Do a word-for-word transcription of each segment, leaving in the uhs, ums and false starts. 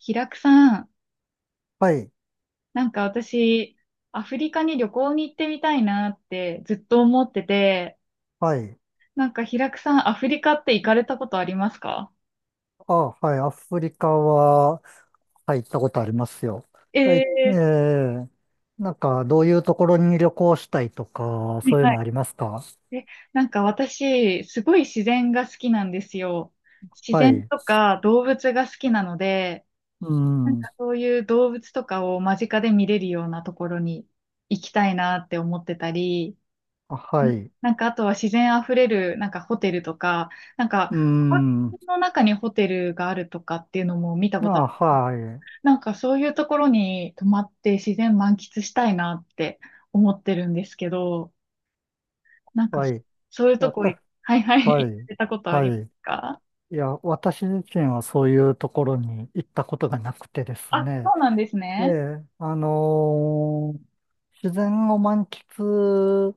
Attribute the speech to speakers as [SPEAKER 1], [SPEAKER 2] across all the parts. [SPEAKER 1] 平久さん、
[SPEAKER 2] はい、
[SPEAKER 1] なんか私、アフリカに旅行に行ってみたいなってずっと思ってて、
[SPEAKER 2] はい。
[SPEAKER 1] なんか平久さん、アフリカって行かれたことありますか？
[SPEAKER 2] あ、はい、アフリカは、はい、行ったことありますよ。はい、え
[SPEAKER 1] ええ、
[SPEAKER 2] ー、なんか、どういうところに旅行したいとか、そういうのあ
[SPEAKER 1] は
[SPEAKER 2] りますか？
[SPEAKER 1] い。え、なんか私、すごい自然が好きなんですよ。自
[SPEAKER 2] は
[SPEAKER 1] 然
[SPEAKER 2] い。
[SPEAKER 1] とか動物が好きなので、
[SPEAKER 2] う
[SPEAKER 1] なんか
[SPEAKER 2] ん。
[SPEAKER 1] そういう動物とかを間近で見れるようなところに行きたいなって思ってたり、
[SPEAKER 2] あ、はい。
[SPEAKER 1] なんか、あとは自然あふれる、なんかホテルとか、なんか、
[SPEAKER 2] う
[SPEAKER 1] パ
[SPEAKER 2] ん。
[SPEAKER 1] の中にホテルがあるとかっていうのも見た
[SPEAKER 2] あ、
[SPEAKER 1] ことある。
[SPEAKER 2] はい。
[SPEAKER 1] なんか、そういうところに泊まって自然満喫したいなって思ってるんですけど、なんか、
[SPEAKER 2] は
[SPEAKER 1] そ
[SPEAKER 2] い。
[SPEAKER 1] そういうと
[SPEAKER 2] わ
[SPEAKER 1] こい、
[SPEAKER 2] た、
[SPEAKER 1] はいはい、
[SPEAKER 2] は
[SPEAKER 1] 行っ
[SPEAKER 2] い。
[SPEAKER 1] てたことあ
[SPEAKER 2] は
[SPEAKER 1] りま
[SPEAKER 2] い。
[SPEAKER 1] すか？
[SPEAKER 2] いや、私自身はそういうところに行ったことがなくてです
[SPEAKER 1] あ、
[SPEAKER 2] ね。
[SPEAKER 1] そうなんです
[SPEAKER 2] え
[SPEAKER 1] ね。
[SPEAKER 2] え、あのー自然を満喫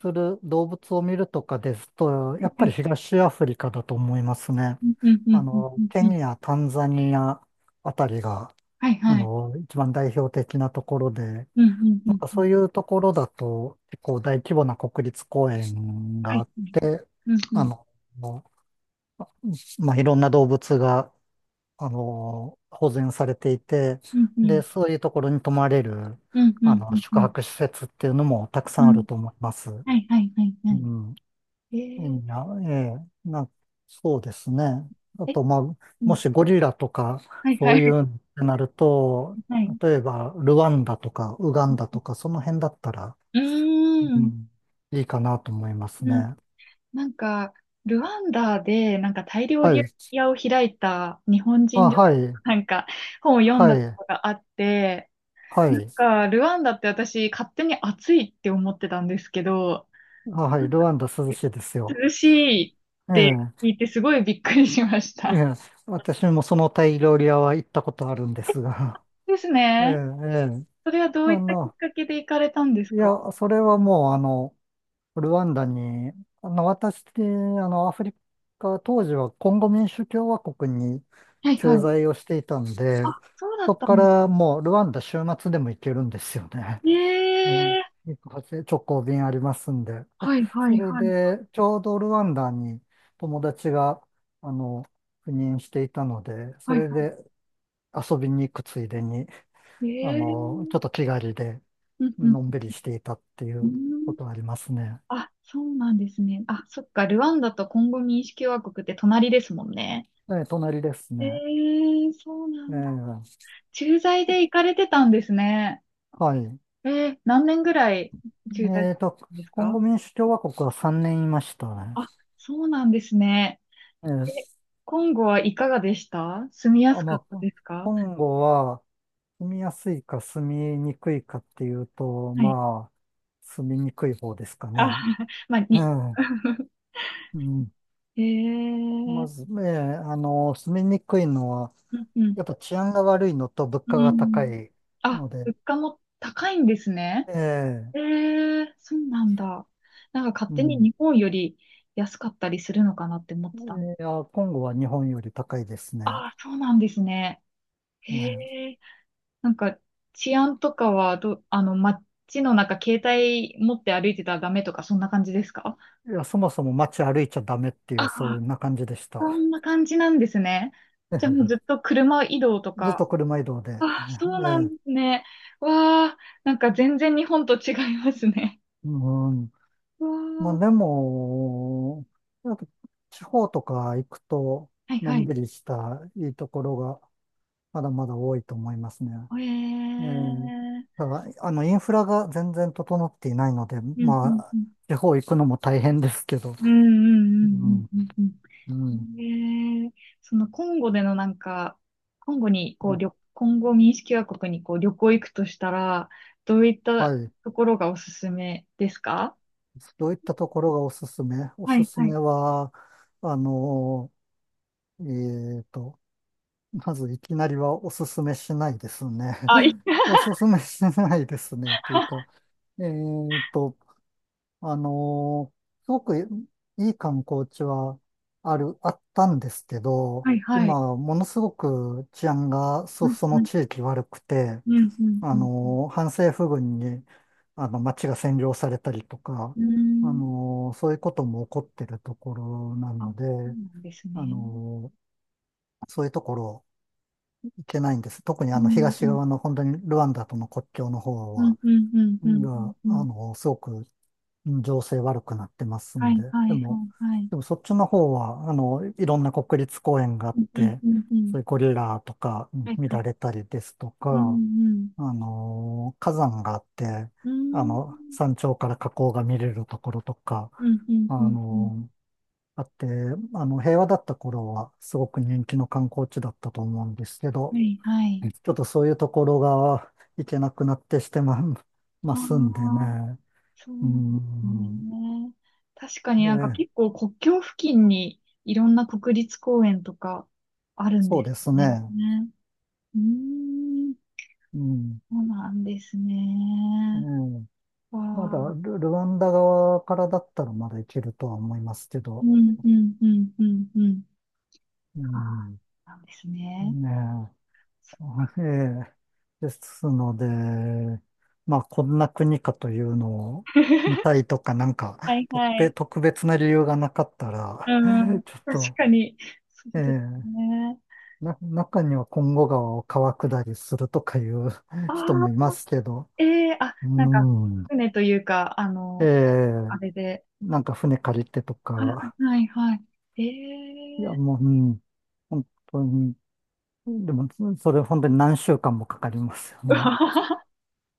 [SPEAKER 2] する動物を見るとかですと、やっ
[SPEAKER 1] は
[SPEAKER 2] ぱり
[SPEAKER 1] い。
[SPEAKER 2] 東アフリカだと思いますね。
[SPEAKER 1] うんうんう
[SPEAKER 2] あ
[SPEAKER 1] んうん
[SPEAKER 2] の、
[SPEAKER 1] うん
[SPEAKER 2] ケ
[SPEAKER 1] うん。
[SPEAKER 2] ニア、タンザニアあたりが、
[SPEAKER 1] はい
[SPEAKER 2] あ
[SPEAKER 1] はい。
[SPEAKER 2] の、一番代表的なところで、
[SPEAKER 1] うんうんう
[SPEAKER 2] なん
[SPEAKER 1] ん
[SPEAKER 2] か
[SPEAKER 1] うん。
[SPEAKER 2] そういうところだと、結構大規模な国立公園
[SPEAKER 1] は
[SPEAKER 2] があ
[SPEAKER 1] い。
[SPEAKER 2] って、
[SPEAKER 1] うんう
[SPEAKER 2] あ
[SPEAKER 1] ん
[SPEAKER 2] の、まあ、いろんな動物が、あの、保全されていて、
[SPEAKER 1] うんうん
[SPEAKER 2] で、そういうところに泊まれる、
[SPEAKER 1] うんう
[SPEAKER 2] あ
[SPEAKER 1] んう
[SPEAKER 2] の、
[SPEAKER 1] んう
[SPEAKER 2] 宿
[SPEAKER 1] ん
[SPEAKER 2] 泊施設っていうのもたくさ
[SPEAKER 1] う
[SPEAKER 2] んある
[SPEAKER 1] ん。
[SPEAKER 2] と思います。
[SPEAKER 1] はいはいはいは
[SPEAKER 2] う
[SPEAKER 1] い。
[SPEAKER 2] ん。
[SPEAKER 1] え
[SPEAKER 2] いや、ええ、な、そうですね。あ
[SPEAKER 1] ーえ
[SPEAKER 2] と、まあ、
[SPEAKER 1] う
[SPEAKER 2] も
[SPEAKER 1] ん、
[SPEAKER 2] しゴリラとか、
[SPEAKER 1] はい
[SPEAKER 2] そ
[SPEAKER 1] は
[SPEAKER 2] う
[SPEAKER 1] い。
[SPEAKER 2] いうのってなると、
[SPEAKER 1] はい。
[SPEAKER 2] 例えば、ルワンダとか、ウガンダ とか、その辺だったら、
[SPEAKER 1] うー
[SPEAKER 2] う
[SPEAKER 1] ん。
[SPEAKER 2] ん、いいかなと思います
[SPEAKER 1] うん、
[SPEAKER 2] ね。
[SPEAKER 1] なんか、ルワンダで、なんかタイ料
[SPEAKER 2] は
[SPEAKER 1] 理
[SPEAKER 2] い。
[SPEAKER 1] 屋を開いた日本人
[SPEAKER 2] あ、
[SPEAKER 1] 女
[SPEAKER 2] は
[SPEAKER 1] 性
[SPEAKER 2] い。
[SPEAKER 1] がなんか、本を読ん
[SPEAKER 2] は
[SPEAKER 1] だこ
[SPEAKER 2] い。
[SPEAKER 1] とがあって、
[SPEAKER 2] は
[SPEAKER 1] なん
[SPEAKER 2] い。
[SPEAKER 1] か、ルワンダって私、勝手に暑いって思ってたんですけど、
[SPEAKER 2] あ、は
[SPEAKER 1] な
[SPEAKER 2] い。
[SPEAKER 1] ん
[SPEAKER 2] ル
[SPEAKER 1] か
[SPEAKER 2] ワンダ涼しいですよ。
[SPEAKER 1] 涼しいって聞
[SPEAKER 2] え
[SPEAKER 1] いて、すごいびっくりしまし
[SPEAKER 2] え。え
[SPEAKER 1] た。
[SPEAKER 2] え。私もそのタイ料理屋は行ったことあるんですが。
[SPEAKER 1] です
[SPEAKER 2] ええ、え
[SPEAKER 1] ね。
[SPEAKER 2] え。
[SPEAKER 1] それはどうい
[SPEAKER 2] あ
[SPEAKER 1] ったきっ
[SPEAKER 2] の、
[SPEAKER 1] かけで行かれたんです
[SPEAKER 2] い
[SPEAKER 1] か？
[SPEAKER 2] や、それはもう、あの、ルワンダに、あの、私、あの、アフリカ、当時はコンゴ民主共和国に
[SPEAKER 1] はいは
[SPEAKER 2] 駐
[SPEAKER 1] い。
[SPEAKER 2] 在をしていたんで、
[SPEAKER 1] あ、そうだっ
[SPEAKER 2] そこ
[SPEAKER 1] た
[SPEAKER 2] か
[SPEAKER 1] んです。
[SPEAKER 2] らもうルワンダ週末でも行けるんですよね。うん、
[SPEAKER 1] ええ、
[SPEAKER 2] 直行便ありますんで。
[SPEAKER 1] は いは
[SPEAKER 2] そ
[SPEAKER 1] い
[SPEAKER 2] れ
[SPEAKER 1] はい。
[SPEAKER 2] で、ちょうどルワンダに友達が、あの、赴任していたので、そ
[SPEAKER 1] はい、
[SPEAKER 2] れで遊びに行くついでに、あの、ち
[SPEAKER 1] ええ、
[SPEAKER 2] ょっと気軽で、
[SPEAKER 1] うんう
[SPEAKER 2] のん
[SPEAKER 1] ん
[SPEAKER 2] びりしていたってい
[SPEAKER 1] う
[SPEAKER 2] うこ
[SPEAKER 1] ん。
[SPEAKER 2] とありますね。
[SPEAKER 1] あ、そうなんですね。あ、そっか、ルワンダとコンゴ民主共和国って隣ですもんね。
[SPEAKER 2] ええ、隣です
[SPEAKER 1] え
[SPEAKER 2] ね。
[SPEAKER 1] え、そうな
[SPEAKER 2] え
[SPEAKER 1] んだ。
[SPEAKER 2] え、
[SPEAKER 1] 駐在で行かれてたんですね。
[SPEAKER 2] はい。
[SPEAKER 1] ええ、何年ぐらい駐在され
[SPEAKER 2] え
[SPEAKER 1] て
[SPEAKER 2] っと、
[SPEAKER 1] たんです
[SPEAKER 2] コン
[SPEAKER 1] か？
[SPEAKER 2] ゴ民主共和国はさんねんいましたね。
[SPEAKER 1] あ、そうなんですね。
[SPEAKER 2] ええ、
[SPEAKER 1] え、コンゴはいかがでした？住みや
[SPEAKER 2] あ、
[SPEAKER 1] すかっ
[SPEAKER 2] ま
[SPEAKER 1] た
[SPEAKER 2] あ、
[SPEAKER 1] です
[SPEAKER 2] コ
[SPEAKER 1] か？
[SPEAKER 2] ンゴは住みやすいか住みにくいかっていうと、
[SPEAKER 1] はい。
[SPEAKER 2] まあ、住みにくい方ですか
[SPEAKER 1] あ、
[SPEAKER 2] ね。
[SPEAKER 1] まあ、
[SPEAKER 2] ええ、
[SPEAKER 1] に、
[SPEAKER 2] うん。ま
[SPEAKER 1] え
[SPEAKER 2] ず、
[SPEAKER 1] え、
[SPEAKER 2] ええ、あの、住みにくいのは、
[SPEAKER 1] うんうん。
[SPEAKER 2] やっぱ治安が悪いのと物
[SPEAKER 1] う
[SPEAKER 2] 価が高
[SPEAKER 1] ん。
[SPEAKER 2] い
[SPEAKER 1] あ、
[SPEAKER 2] ので、
[SPEAKER 1] 物価も高いんですね。
[SPEAKER 2] ええ、
[SPEAKER 1] ええ、そうなんだ。なんか勝
[SPEAKER 2] う
[SPEAKER 1] 手に
[SPEAKER 2] ん。
[SPEAKER 1] 日本より安かったりするのかなって思っ
[SPEAKER 2] い
[SPEAKER 1] てたの。
[SPEAKER 2] や、コンゴは日本より高いです
[SPEAKER 1] あ
[SPEAKER 2] ね。
[SPEAKER 1] あ、そうなんですね。へ
[SPEAKER 2] ええ、
[SPEAKER 1] え。なんか治安とかはど、あの、街の中携帯持って歩いてたらダメとかそんな感じですか？
[SPEAKER 2] いや、そもそも街歩いちゃダメっていう、
[SPEAKER 1] あ、
[SPEAKER 2] そういうな感じでし
[SPEAKER 1] そ
[SPEAKER 2] た。
[SPEAKER 1] んな感じなんですね。じゃあもう ずっ
[SPEAKER 2] ええ、
[SPEAKER 1] と車移動と
[SPEAKER 2] ずっ
[SPEAKER 1] か。
[SPEAKER 2] と車移動で。
[SPEAKER 1] あ、そう
[SPEAKER 2] え
[SPEAKER 1] なん
[SPEAKER 2] え、
[SPEAKER 1] ですね。わあ、なんか全然日本と違いますね。
[SPEAKER 2] うん。
[SPEAKER 1] わ
[SPEAKER 2] まあで
[SPEAKER 1] あ、
[SPEAKER 2] も、やっぱ地方とか行くと、
[SPEAKER 1] はい
[SPEAKER 2] の
[SPEAKER 1] は
[SPEAKER 2] ん
[SPEAKER 1] い。
[SPEAKER 2] びりしたいいところがまだまだ多いと思いますね。
[SPEAKER 1] え
[SPEAKER 2] ええ、
[SPEAKER 1] え。
[SPEAKER 2] ただ、あの、インフラが全然整っていないので、
[SPEAKER 1] うん
[SPEAKER 2] ま
[SPEAKER 1] うん
[SPEAKER 2] あ、
[SPEAKER 1] うん。
[SPEAKER 2] 地方行くのも大変ですけど、
[SPEAKER 1] うんう
[SPEAKER 2] う
[SPEAKER 1] ん
[SPEAKER 2] ん、
[SPEAKER 1] うんうんうん
[SPEAKER 2] うん。
[SPEAKER 1] うん。へえ。そのコンゴでのなんか、コンゴに、こう、旅、コンゴ民主共和国にこう旅行行くとしたら、どういっ
[SPEAKER 2] は
[SPEAKER 1] た
[SPEAKER 2] い。
[SPEAKER 1] ところがおすすめですか？
[SPEAKER 2] どういったところがおすすめ、お
[SPEAKER 1] は
[SPEAKER 2] す
[SPEAKER 1] い
[SPEAKER 2] す
[SPEAKER 1] は
[SPEAKER 2] め
[SPEAKER 1] い。
[SPEAKER 2] は、あの、えーと、まずいきなりはおすすめしないですね。
[SPEAKER 1] あ、い い、
[SPEAKER 2] おすすめしないですね。というか、えーと、あのーすごくいい観光地はある、あったんですけど、
[SPEAKER 1] はいはい。
[SPEAKER 2] 今、ものすごく治安が
[SPEAKER 1] う
[SPEAKER 2] そ、
[SPEAKER 1] ん
[SPEAKER 2] そ
[SPEAKER 1] う
[SPEAKER 2] の
[SPEAKER 1] ん
[SPEAKER 2] 地域悪くて、
[SPEAKER 1] うんう
[SPEAKER 2] あ
[SPEAKER 1] んうん
[SPEAKER 2] のー反政府軍に、あの、街が占領されたりとか、
[SPEAKER 1] うん。うー
[SPEAKER 2] あ
[SPEAKER 1] ん。
[SPEAKER 2] のーそういうことも起こってるところな
[SPEAKER 1] あ、そ
[SPEAKER 2] ので、
[SPEAKER 1] うなんです
[SPEAKER 2] あ
[SPEAKER 1] ね。
[SPEAKER 2] のーそういうところいけないんです。特に
[SPEAKER 1] う
[SPEAKER 2] あの
[SPEAKER 1] んう
[SPEAKER 2] 東
[SPEAKER 1] ん
[SPEAKER 2] 側の本当にルワンダとの国境の方
[SPEAKER 1] うん
[SPEAKER 2] は、
[SPEAKER 1] うんうんうん
[SPEAKER 2] が、
[SPEAKER 1] うんう
[SPEAKER 2] あ
[SPEAKER 1] ん。
[SPEAKER 2] の、すごく情勢悪くなってます
[SPEAKER 1] は
[SPEAKER 2] ん
[SPEAKER 1] い
[SPEAKER 2] で。
[SPEAKER 1] は
[SPEAKER 2] で
[SPEAKER 1] いはい
[SPEAKER 2] も、
[SPEAKER 1] はい。
[SPEAKER 2] でもそっちの方は、あの、いろんな国立公園があっ
[SPEAKER 1] うんうん
[SPEAKER 2] て、
[SPEAKER 1] うんうん。
[SPEAKER 2] そういうゴリラとかう
[SPEAKER 1] は
[SPEAKER 2] ん
[SPEAKER 1] い
[SPEAKER 2] 見
[SPEAKER 1] は
[SPEAKER 2] られ
[SPEAKER 1] い。
[SPEAKER 2] たりですと
[SPEAKER 1] うん
[SPEAKER 2] か、
[SPEAKER 1] うん。
[SPEAKER 2] あの、火山があって、
[SPEAKER 1] う
[SPEAKER 2] あ
[SPEAKER 1] ーん。
[SPEAKER 2] の、山頂から火口が見れるところとか、
[SPEAKER 1] うん、うん、
[SPEAKER 2] あ
[SPEAKER 1] うん、うん。
[SPEAKER 2] の、あって、あの、平和だった頃はすごく人気の観光地だったと思うんですけ
[SPEAKER 1] は
[SPEAKER 2] ど、
[SPEAKER 1] い、はい。
[SPEAKER 2] ちょっとそういうところが行けなくなってしてま、ま
[SPEAKER 1] あ
[SPEAKER 2] すんで
[SPEAKER 1] あ、
[SPEAKER 2] ね。
[SPEAKER 1] そう
[SPEAKER 2] う
[SPEAKER 1] なんです
[SPEAKER 2] ん。
[SPEAKER 1] ね。確か
[SPEAKER 2] え
[SPEAKER 1] になんか
[SPEAKER 2] え、
[SPEAKER 1] 結構国境付近にいろんな国立公園とかあるん
[SPEAKER 2] そう
[SPEAKER 1] です
[SPEAKER 2] です
[SPEAKER 1] ね。
[SPEAKER 2] ね。
[SPEAKER 1] ね。うーん、
[SPEAKER 2] うん。
[SPEAKER 1] そうなんですね。
[SPEAKER 2] ええ、
[SPEAKER 1] わ
[SPEAKER 2] まだ
[SPEAKER 1] あ、
[SPEAKER 2] ル、ルワンダ側からだったらまだ行けるとは思いますけ
[SPEAKER 1] う
[SPEAKER 2] ど。
[SPEAKER 1] ん、うん、うん、うん、うん。
[SPEAKER 2] う
[SPEAKER 1] ああ、
[SPEAKER 2] ん。
[SPEAKER 1] なんですね。
[SPEAKER 2] ねえ。ええ。ですので、まあ、こんな国かというのを見 たいとか、なんか、
[SPEAKER 1] はい
[SPEAKER 2] 特
[SPEAKER 1] はい。
[SPEAKER 2] 別、特別な理由がなかった
[SPEAKER 1] う
[SPEAKER 2] ら、
[SPEAKER 1] ん、
[SPEAKER 2] ちょっ
[SPEAKER 1] 確
[SPEAKER 2] と、
[SPEAKER 1] かに。そ
[SPEAKER 2] え
[SPEAKER 1] うです
[SPEAKER 2] え、
[SPEAKER 1] ね。
[SPEAKER 2] な、中には今後川を川下りするとかいう
[SPEAKER 1] あ
[SPEAKER 2] 人
[SPEAKER 1] あ、
[SPEAKER 2] もいますけど、
[SPEAKER 1] ええ、あ、
[SPEAKER 2] う
[SPEAKER 1] なんか、
[SPEAKER 2] ん。
[SPEAKER 1] 船というか、あ
[SPEAKER 2] え
[SPEAKER 1] の、あ
[SPEAKER 2] え、
[SPEAKER 1] れで。
[SPEAKER 2] なんか船借りてと
[SPEAKER 1] はい
[SPEAKER 2] か、
[SPEAKER 1] はいはい。え
[SPEAKER 2] い
[SPEAKER 1] え
[SPEAKER 2] や、
[SPEAKER 1] ー。
[SPEAKER 2] もう、うん、本当に、でも、それ本当に何週間もかかりますよね。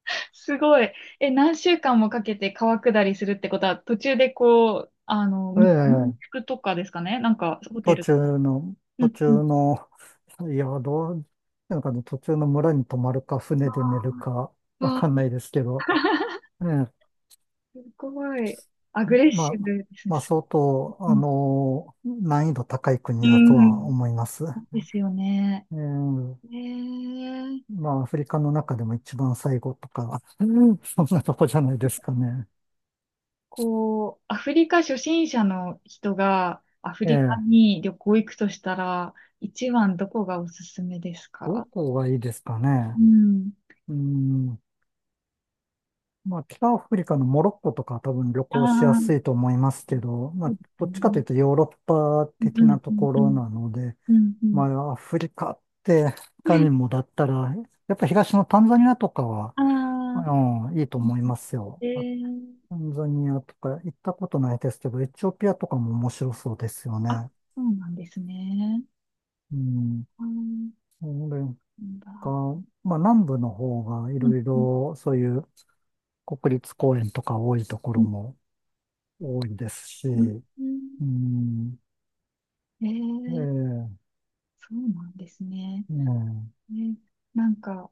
[SPEAKER 1] すごい。え、何週間もかけて川下りするってことは、途中でこう、あの、
[SPEAKER 2] え
[SPEAKER 1] み民
[SPEAKER 2] え、
[SPEAKER 1] 宿とかですかね、なんか、ホテ
[SPEAKER 2] 途
[SPEAKER 1] ルとか。
[SPEAKER 2] 中の、
[SPEAKER 1] う
[SPEAKER 2] 途
[SPEAKER 1] んうん。
[SPEAKER 2] 中の、いや、どう、なんかね、途中の村に泊まるか、船で寝
[SPEAKER 1] あ
[SPEAKER 2] るか、わかん
[SPEAKER 1] あ、
[SPEAKER 2] ないですけど、ええ、
[SPEAKER 1] すごい。アグレッシ
[SPEAKER 2] まあ、
[SPEAKER 1] ブですね。
[SPEAKER 2] まあ、相当、
[SPEAKER 1] う
[SPEAKER 2] あ
[SPEAKER 1] ん
[SPEAKER 2] の、難易度高い
[SPEAKER 1] う
[SPEAKER 2] 国だとは
[SPEAKER 1] ん、
[SPEAKER 2] 思います。
[SPEAKER 1] そうですよね。
[SPEAKER 2] えー、
[SPEAKER 1] ええ、
[SPEAKER 2] まあ、アフリカの中でも一番最後とか、うん、そんなとこじゃないですかね。
[SPEAKER 1] こう、アフリカ初心者の人がアフ
[SPEAKER 2] え
[SPEAKER 1] リカ
[SPEAKER 2] え、
[SPEAKER 1] に旅行行くとしたら、一番どこがおすすめです
[SPEAKER 2] ど
[SPEAKER 1] か？
[SPEAKER 2] こがいいですかね。
[SPEAKER 1] うん。
[SPEAKER 2] うん、まあ、北アフリカのモロッコとかは多分旅
[SPEAKER 1] あ
[SPEAKER 2] 行しやす
[SPEAKER 1] あ、
[SPEAKER 2] いと思いますけど、ま
[SPEAKER 1] そう
[SPEAKER 2] あ、
[SPEAKER 1] です
[SPEAKER 2] どっちかと
[SPEAKER 1] ね。
[SPEAKER 2] いうとヨーロッパ
[SPEAKER 1] うんう
[SPEAKER 2] 的
[SPEAKER 1] ん
[SPEAKER 2] な
[SPEAKER 1] う
[SPEAKER 2] と
[SPEAKER 1] ん
[SPEAKER 2] こ
[SPEAKER 1] う
[SPEAKER 2] ろ
[SPEAKER 1] ん。
[SPEAKER 2] なので、
[SPEAKER 1] うんう
[SPEAKER 2] ま
[SPEAKER 1] ん。
[SPEAKER 2] あ、アフリカって、他にもだったら、やっぱ東のタンザニアとかは、
[SPEAKER 1] ああ、
[SPEAKER 2] うん、いいと思いますよ。
[SPEAKER 1] ええ、
[SPEAKER 2] あ、タンザニアとか行ったことないですけど、エチオピアとかも面白そうですよ
[SPEAKER 1] あ、
[SPEAKER 2] ね。
[SPEAKER 1] そうなんですね。
[SPEAKER 2] うん。
[SPEAKER 1] ああ、な
[SPEAKER 2] それ
[SPEAKER 1] ん
[SPEAKER 2] か、
[SPEAKER 1] だ。
[SPEAKER 2] まあ南部の方がい
[SPEAKER 1] うん
[SPEAKER 2] ろい
[SPEAKER 1] うん
[SPEAKER 2] ろそういう国立公園とか多いとこ
[SPEAKER 1] う
[SPEAKER 2] ろ
[SPEAKER 1] ん
[SPEAKER 2] も多いですし、
[SPEAKER 1] うん
[SPEAKER 2] う
[SPEAKER 1] うんうん、
[SPEAKER 2] ん。
[SPEAKER 1] ああ、ええ、あ、そうなんですね、なんだ、うんうんうんうんう、
[SPEAKER 2] ええ、
[SPEAKER 1] そうなんですね。
[SPEAKER 2] ね
[SPEAKER 1] ね、なんか、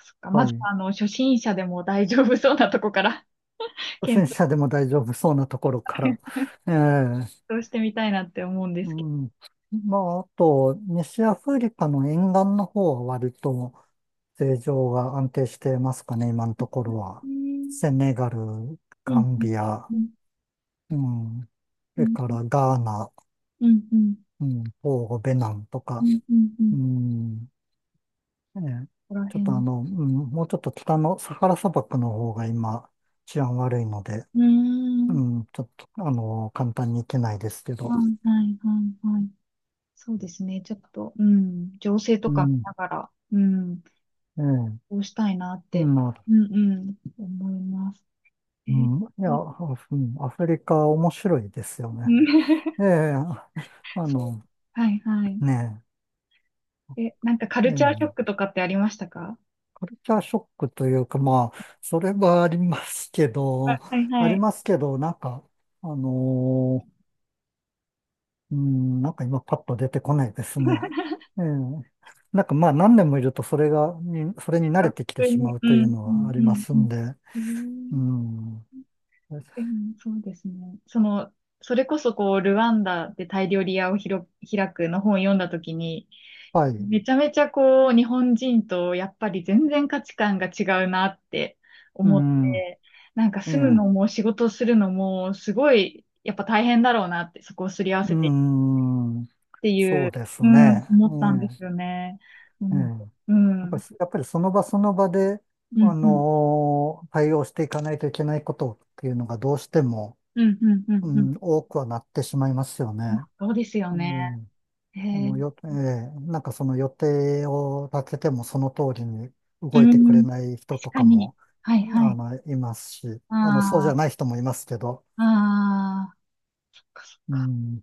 [SPEAKER 1] そっか、
[SPEAKER 2] え、
[SPEAKER 1] ま
[SPEAKER 2] はい。
[SPEAKER 1] ずあの、初心者でも大丈夫そうなとこから
[SPEAKER 2] 初
[SPEAKER 1] 検
[SPEAKER 2] 心者でも大丈夫そうなところから。ええ、
[SPEAKER 1] 討してみたいなって思うんで
[SPEAKER 2] う
[SPEAKER 1] すけど。
[SPEAKER 2] ん。まあ、あと、西アフリカの沿岸の方は割と、政情が安定してますかね、今のところ
[SPEAKER 1] う
[SPEAKER 2] は。
[SPEAKER 1] ん
[SPEAKER 2] セネガル、
[SPEAKER 1] う
[SPEAKER 2] ガ
[SPEAKER 1] ん
[SPEAKER 2] ン
[SPEAKER 1] うん
[SPEAKER 2] ビア、
[SPEAKER 1] うん
[SPEAKER 2] うん、そ
[SPEAKER 1] う
[SPEAKER 2] れ
[SPEAKER 1] ん
[SPEAKER 2] からガーナ、
[SPEAKER 1] うんう
[SPEAKER 2] うん、トーゴ、ベナンとか、
[SPEAKER 1] んうんうん。
[SPEAKER 2] う
[SPEAKER 1] こ
[SPEAKER 2] ん、ね、
[SPEAKER 1] こ
[SPEAKER 2] ちょっとあ
[SPEAKER 1] 辺、
[SPEAKER 2] の、うん、もうちょっと北のサハラ砂漠の方が今治安悪いので、
[SPEAKER 1] うーん。
[SPEAKER 2] うん、ちょっとあの、簡単に行けないですけ
[SPEAKER 1] は
[SPEAKER 2] ど、
[SPEAKER 1] いはいはいはい。そうですね。ちょっと、うん。情勢
[SPEAKER 2] う
[SPEAKER 1] とか見
[SPEAKER 2] ん、
[SPEAKER 1] ながら、うん。
[SPEAKER 2] ええ、
[SPEAKER 1] こうしたいなって、
[SPEAKER 2] まあ、
[SPEAKER 1] うんうん。思います。え
[SPEAKER 2] う
[SPEAKER 1] ー、
[SPEAKER 2] ん、いや、
[SPEAKER 1] う
[SPEAKER 2] あ、うん、アフリカ面白いですよ
[SPEAKER 1] ん、
[SPEAKER 2] ね。ええ、あ
[SPEAKER 1] そう、
[SPEAKER 2] の、
[SPEAKER 1] はいはい。
[SPEAKER 2] ね
[SPEAKER 1] え、なんかカ
[SPEAKER 2] え、
[SPEAKER 1] ルチャーショッ
[SPEAKER 2] ええ、
[SPEAKER 1] クとかってありましたか？
[SPEAKER 2] カルチャーショックというか、まあ、それはありますけ
[SPEAKER 1] あ、
[SPEAKER 2] ど、
[SPEAKER 1] はい
[SPEAKER 2] あ
[SPEAKER 1] は
[SPEAKER 2] り
[SPEAKER 1] い。
[SPEAKER 2] ますけど、なんか、あのーうん、なんか今パッと出てこないですね。ええ、なんかまあ何年もいるとそれが、に、それに慣
[SPEAKER 1] あ、
[SPEAKER 2] れてきて
[SPEAKER 1] 普通
[SPEAKER 2] しま
[SPEAKER 1] に、
[SPEAKER 2] う
[SPEAKER 1] う
[SPEAKER 2] という
[SPEAKER 1] ん、
[SPEAKER 2] の
[SPEAKER 1] う
[SPEAKER 2] は
[SPEAKER 1] ん、
[SPEAKER 2] あ
[SPEAKER 1] う
[SPEAKER 2] りま
[SPEAKER 1] ん、
[SPEAKER 2] す
[SPEAKER 1] うん。
[SPEAKER 2] んで、
[SPEAKER 1] え
[SPEAKER 2] う
[SPEAKER 1] ー、
[SPEAKER 2] ん、
[SPEAKER 1] でもそうですね。その、それこそこう、ルワンダで大量リ屋をひろ開くの本を読んだときに、
[SPEAKER 2] はい、
[SPEAKER 1] めちゃめちゃこう、日本人とやっぱり全然価値観が違うなって
[SPEAKER 2] う
[SPEAKER 1] 思っ
[SPEAKER 2] ん、
[SPEAKER 1] て、なんか
[SPEAKER 2] え
[SPEAKER 1] 住むの
[SPEAKER 2] え、
[SPEAKER 1] も仕事するのもすごいやっぱ大変だろうなって、そこをすり合わせてっ
[SPEAKER 2] うん、
[SPEAKER 1] てい
[SPEAKER 2] そう
[SPEAKER 1] う、
[SPEAKER 2] です
[SPEAKER 1] うん、
[SPEAKER 2] ね。
[SPEAKER 1] 思ったんです
[SPEAKER 2] え
[SPEAKER 1] よ
[SPEAKER 2] え、
[SPEAKER 1] ね。う
[SPEAKER 2] え
[SPEAKER 1] ん、
[SPEAKER 2] え、
[SPEAKER 1] うん、
[SPEAKER 2] や
[SPEAKER 1] う
[SPEAKER 2] っぱ
[SPEAKER 1] ん、
[SPEAKER 2] り、やっぱりその場その場で、
[SPEAKER 1] うん、
[SPEAKER 2] あ
[SPEAKER 1] うん、
[SPEAKER 2] のー対応していかないといけないことっていうのがどうしても、
[SPEAKER 1] うん、うん、
[SPEAKER 2] う
[SPEAKER 1] うん。
[SPEAKER 2] ん、多くはなってしまいますよ
[SPEAKER 1] ま
[SPEAKER 2] ね。
[SPEAKER 1] あそうですよ
[SPEAKER 2] う
[SPEAKER 1] ね。
[SPEAKER 2] ん、
[SPEAKER 1] へ
[SPEAKER 2] あ
[SPEAKER 1] え、
[SPEAKER 2] のよ、ええ、なんかその予定を立ててもその通りに
[SPEAKER 1] う
[SPEAKER 2] 動いてくれ
[SPEAKER 1] ん、
[SPEAKER 2] ない人
[SPEAKER 1] 確
[SPEAKER 2] と
[SPEAKER 1] か
[SPEAKER 2] か
[SPEAKER 1] に。
[SPEAKER 2] も、
[SPEAKER 1] はい、は
[SPEAKER 2] あ
[SPEAKER 1] い。
[SPEAKER 2] の、いますし、あの、そうじゃ
[SPEAKER 1] あ
[SPEAKER 2] ない人もいますけど、
[SPEAKER 1] あ、ああ、そっかそっ
[SPEAKER 2] う
[SPEAKER 1] か
[SPEAKER 2] ん